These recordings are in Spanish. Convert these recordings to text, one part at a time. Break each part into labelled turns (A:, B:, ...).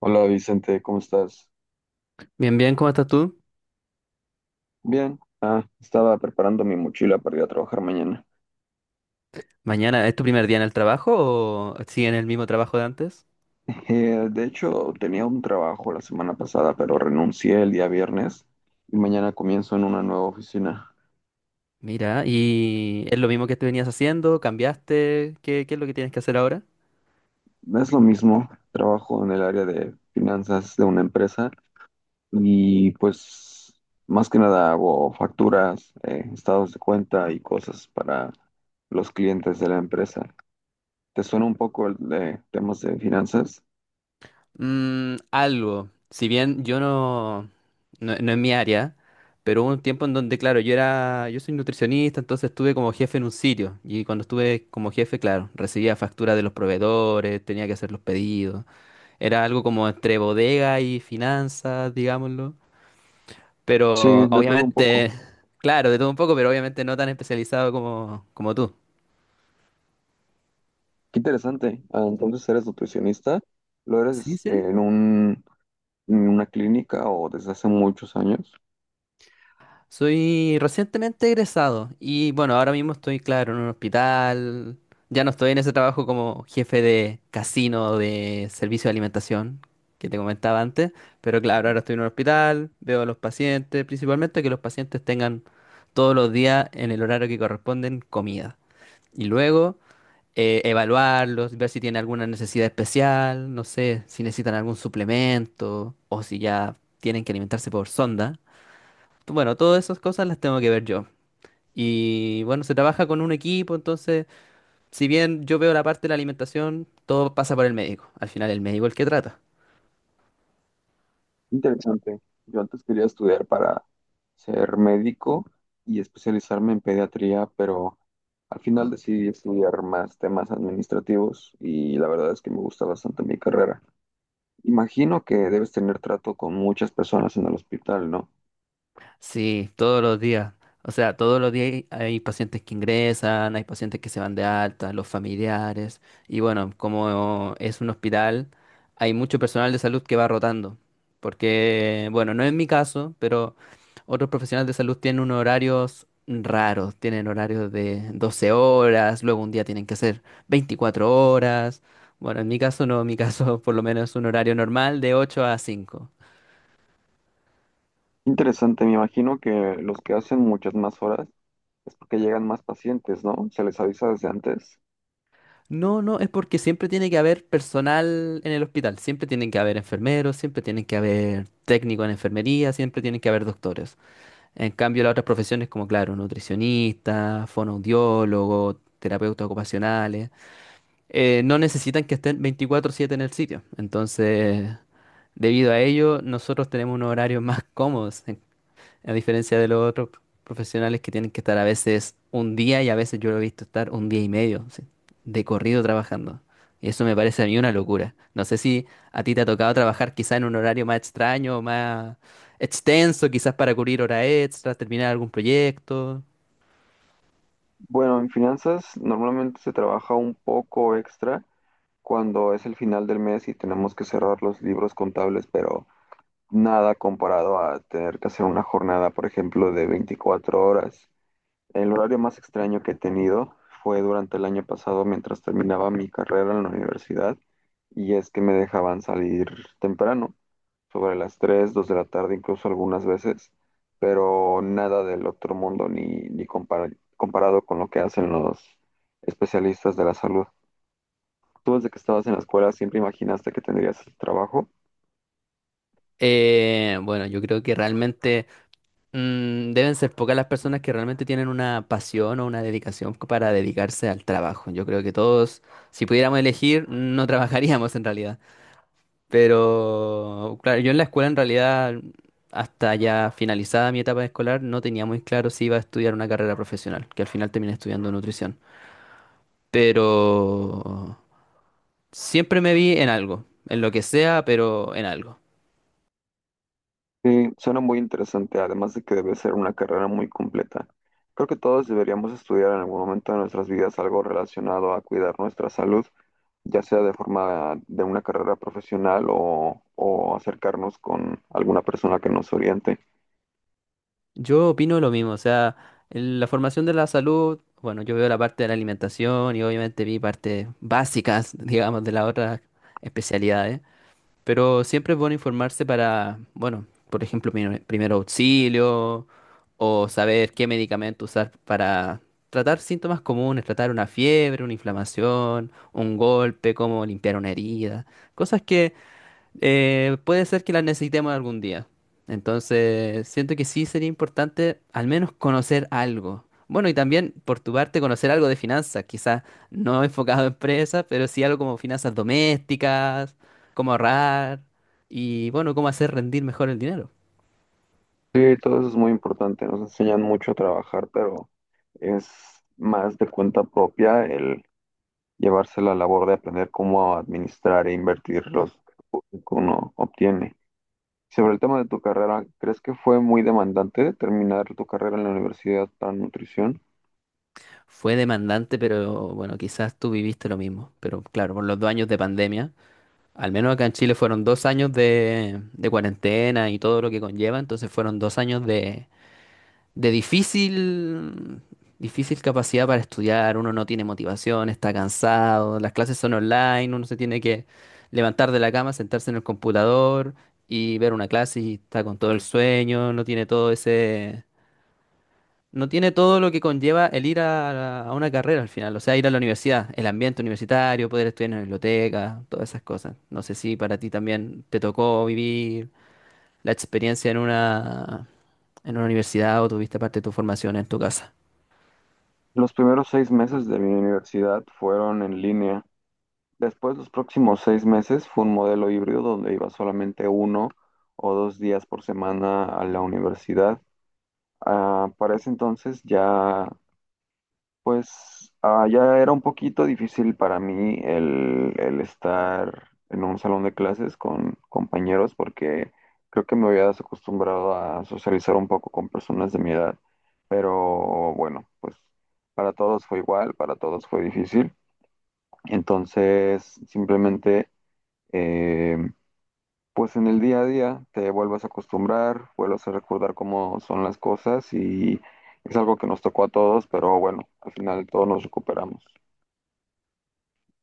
A: Hola Vicente, ¿cómo estás?
B: Bien, bien, ¿cómo estás tú?
A: Bien. Estaba preparando mi mochila para ir a trabajar mañana.
B: Mañana, ¿es tu primer día en el trabajo o siguen el mismo trabajo de antes?
A: De hecho, tenía un trabajo la semana pasada, pero renuncié el día viernes y mañana comienzo en una nueva oficina.
B: Mira, ¿y es lo mismo que te venías haciendo? ¿Cambiaste? ¿Qué es lo que tienes que hacer ahora?
A: Es lo mismo, trabajo en el área de finanzas de una empresa y pues más que nada hago facturas, estados de cuenta y cosas para los clientes de la empresa. ¿Te suena un poco el de temas de finanzas?
B: Mm, algo. Si bien yo no es mi área, pero hubo un tiempo en donde, claro, yo era, yo soy nutricionista, entonces estuve como jefe en un sitio. Y cuando estuve como jefe, claro, recibía facturas de los proveedores, tenía que hacer los pedidos. Era algo como entre bodega y finanzas, digámoslo.
A: Sí,
B: Pero
A: de todo un poco.
B: obviamente, claro, de todo un poco, pero obviamente no tan especializado como, como tú.
A: Qué interesante. Entonces eres nutricionista, lo
B: Sí,
A: eres
B: sí.
A: en en una clínica o desde hace muchos años.
B: Soy recientemente egresado y bueno, ahora mismo estoy, claro, en un hospital. Ya no estoy en ese trabajo como jefe de casino de servicio de alimentación que te comentaba antes, pero claro, ahora estoy en un hospital, veo a los pacientes, principalmente que los pacientes tengan todos los días en el horario que corresponden comida. Y luego evaluarlos, ver si tienen alguna necesidad especial, no sé, si necesitan algún suplemento o si ya tienen que alimentarse por sonda. Bueno, todas esas cosas las tengo que ver yo. Y bueno, se trabaja con un equipo, entonces, si bien yo veo la parte de la alimentación, todo pasa por el médico. Al final el médico es el que trata.
A: Interesante. Yo antes quería estudiar para ser médico y especializarme en pediatría, pero al final decidí estudiar más temas administrativos y la verdad es que me gusta bastante mi carrera. Imagino que debes tener trato con muchas personas en el hospital, ¿no?
B: Sí, todos los días. O sea, todos los días hay pacientes que ingresan, hay pacientes que se van de alta, los familiares. Y bueno, como es un hospital, hay mucho personal de salud que va rotando. Porque, bueno, no es mi caso, pero otros profesionales de salud tienen unos horarios raros. Tienen horarios de 12 horas, luego un día tienen que hacer 24 horas. Bueno, en mi caso no, en mi caso por lo menos es un horario normal de 8 a 5.
A: Interesante, me imagino que los que hacen muchas más horas es porque llegan más pacientes, ¿no? Se les avisa desde antes.
B: No, no, es porque siempre tiene que haber personal en el hospital, siempre tienen que haber enfermeros, siempre tienen que haber técnicos en enfermería, siempre tienen que haber doctores. En cambio, las otras profesiones como, claro, nutricionistas, fonoaudiólogos, terapeutas ocupacionales, no necesitan que estén 24/7 en el sitio. Entonces, debido a ello, nosotros tenemos unos horarios más cómodos. A diferencia de los otros profesionales que tienen que estar a veces un día y a veces yo lo he visto estar un día y medio, sí, de corrido trabajando. Y eso me parece a mí una locura. No sé si a ti te ha tocado trabajar quizá en un horario más extraño, más extenso, quizás para cubrir horas extras, terminar algún proyecto.
A: Bueno, en finanzas normalmente se trabaja un poco extra cuando es el final del mes y tenemos que cerrar los libros contables, pero nada comparado a tener que hacer una jornada, por ejemplo, de 24 horas. El horario más extraño que he tenido fue durante el año pasado mientras terminaba mi carrera en la universidad y es que me dejaban salir temprano, sobre las 3 2 de la tarde, incluso algunas veces, pero nada del otro mundo ni comparado con lo que hacen los especialistas de la salud. Tú desde que estabas en la escuela siempre imaginaste que tendrías este trabajo.
B: Bueno, yo creo que realmente deben ser pocas las personas que realmente tienen una pasión o una dedicación para dedicarse al trabajo. Yo creo que todos, si pudiéramos elegir, no trabajaríamos en realidad. Pero, claro, yo en la escuela en realidad, hasta ya finalizada mi etapa escolar, no tenía muy claro si iba a estudiar una carrera profesional, que al final terminé estudiando nutrición. Pero siempre me vi en algo, en lo que sea, pero en algo.
A: Sí, suena muy interesante, además de que debe ser una carrera muy completa. Creo que todos deberíamos estudiar en algún momento de nuestras vidas algo relacionado a cuidar nuestra salud, ya sea de forma de una carrera profesional o acercarnos con alguna persona que nos oriente.
B: Yo opino lo mismo, o sea, en la formación de la salud, bueno, yo veo la parte de la alimentación y obviamente vi partes básicas, digamos, de las otras especialidades. Pero siempre es bueno informarse para, bueno, por ejemplo, primer auxilio o saber qué medicamento usar para tratar síntomas comunes, tratar una fiebre, una inflamación, un golpe, cómo limpiar una herida. Cosas que puede ser que las necesitemos algún día. Entonces, siento que sí sería importante al menos conocer algo. Bueno, y también por tu parte conocer algo de finanzas, quizás no enfocado a empresas, pero sí algo como finanzas domésticas, cómo ahorrar y bueno, cómo hacer rendir mejor el dinero.
A: Sí, todo eso es muy importante. Nos enseñan mucho a trabajar, pero es más de cuenta propia el llevarse la labor de aprender cómo administrar e invertir los que uno obtiene. Sobre el tema de tu carrera, ¿crees que fue muy demandante terminar tu carrera en la universidad para nutrición?
B: Fue demandante, pero bueno, quizás tú viviste lo mismo. Pero claro, por los 2 años de pandemia, al menos acá en Chile fueron 2 años de cuarentena y todo lo que conlleva, entonces fueron 2 años de difícil, difícil capacidad para estudiar, uno no tiene motivación, está cansado, las clases son online, uno se tiene que levantar de la cama, sentarse en el computador y ver una clase y está con todo el sueño, no tiene todo ese, no tiene todo lo que conlleva el ir a una carrera al final, o sea, ir a la universidad, el ambiente universitario, poder estudiar en la biblioteca, todas esas cosas. No sé si para ti también te tocó vivir la experiencia en una universidad o tuviste parte de tu formación en tu casa.
A: Los primeros 6 meses de mi universidad fueron en línea. Después, los próximos 6 meses fue un modelo híbrido donde iba solamente uno o dos días por semana a la universidad. Para ese entonces ya, pues, ya era un poquito difícil para mí el estar en un salón de clases con compañeros porque creo que me había desacostumbrado a socializar un poco con personas de mi edad. Pero bueno, pues para todos fue igual, para todos fue difícil. Entonces, simplemente eh, pues en el día a día te vuelves a acostumbrar, vuelves a recordar cómo son las cosas y es algo que nos tocó a todos, pero bueno, al final todos nos recuperamos.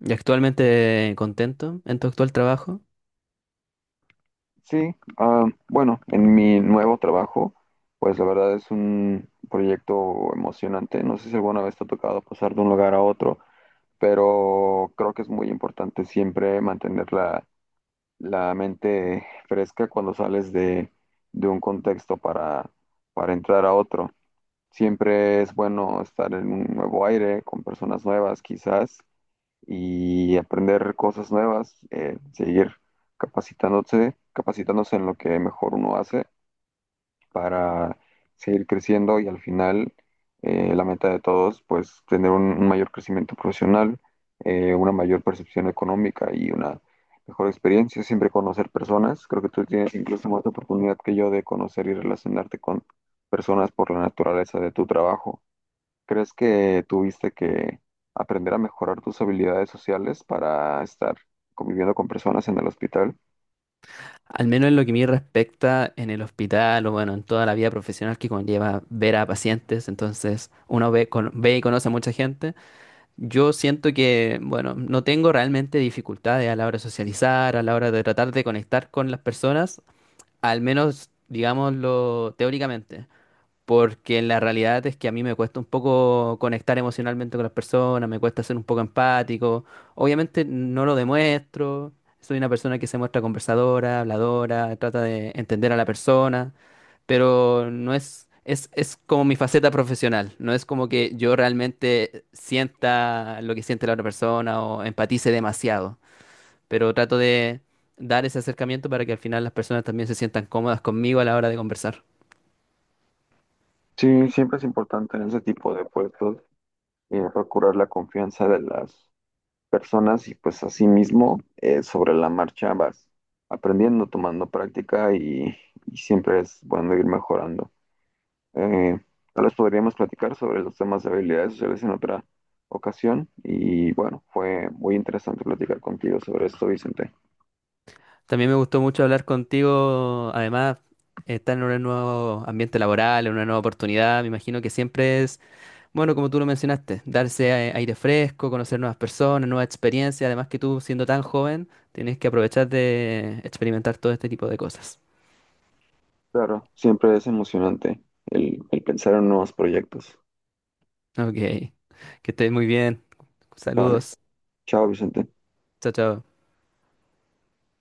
B: ¿Y actualmente contento en tu actual trabajo?
A: Sí, bueno, en mi nuevo trabajo, pues la verdad es un proyecto emocionante. No sé si alguna vez te ha tocado pasar de un lugar a otro, pero creo que es muy importante siempre mantener la mente fresca cuando sales de un contexto para entrar a otro. Siempre es bueno estar en un nuevo aire, con personas nuevas quizás, y aprender cosas nuevas, seguir capacitándose en lo que mejor uno hace para seguir creciendo y al final la meta de todos, pues tener un mayor crecimiento profesional, una mayor percepción económica y una mejor experiencia, siempre conocer personas. Creo que tú tienes incluso más oportunidad que yo de conocer y relacionarte con personas por la naturaleza de tu trabajo. ¿Crees que tuviste que aprender a mejorar tus habilidades sociales para estar conviviendo con personas en el hospital?
B: Al menos en lo que me respecta en el hospital o bueno, en toda la vida profesional que conlleva ver a pacientes, entonces uno ve y conoce a mucha gente. Yo siento que, bueno, no tengo realmente dificultades a la hora de socializar, a la hora de tratar de conectar con las personas, al menos, digámoslo, teóricamente. Porque la realidad es que a mí me cuesta un poco conectar emocionalmente con las personas, me cuesta ser un poco empático. Obviamente no lo demuestro, soy una persona que se muestra conversadora, habladora, trata de entender a la persona, pero no es como mi faceta profesional, no es como que yo realmente sienta lo que siente la otra persona o empatice demasiado, pero trato de dar ese acercamiento para que al final las personas también se sientan cómodas conmigo a la hora de conversar.
A: Sí, siempre es importante en ese tipo de puestos procurar la confianza de las personas y pues asimismo sobre la marcha vas aprendiendo, tomando práctica y siempre es bueno ir mejorando. Eh, Tal vez podríamos platicar sobre los temas de habilidades sociales en otra ocasión y bueno, fue muy interesante platicar contigo sobre esto, Vicente.
B: También me gustó mucho hablar contigo. Además, estar en un nuevo ambiente laboral, en una nueva oportunidad, me imagino que siempre es, bueno, como tú lo mencionaste, darse aire fresco, conocer nuevas personas, nuevas experiencias. Además que tú, siendo tan joven, tienes que aprovechar de experimentar todo este tipo de cosas.
A: Claro, siempre es emocionante el pensar en nuevos proyectos.
B: Ok, que estés muy bien.
A: Vale,
B: Saludos.
A: chao Vicente.
B: Chao, chao.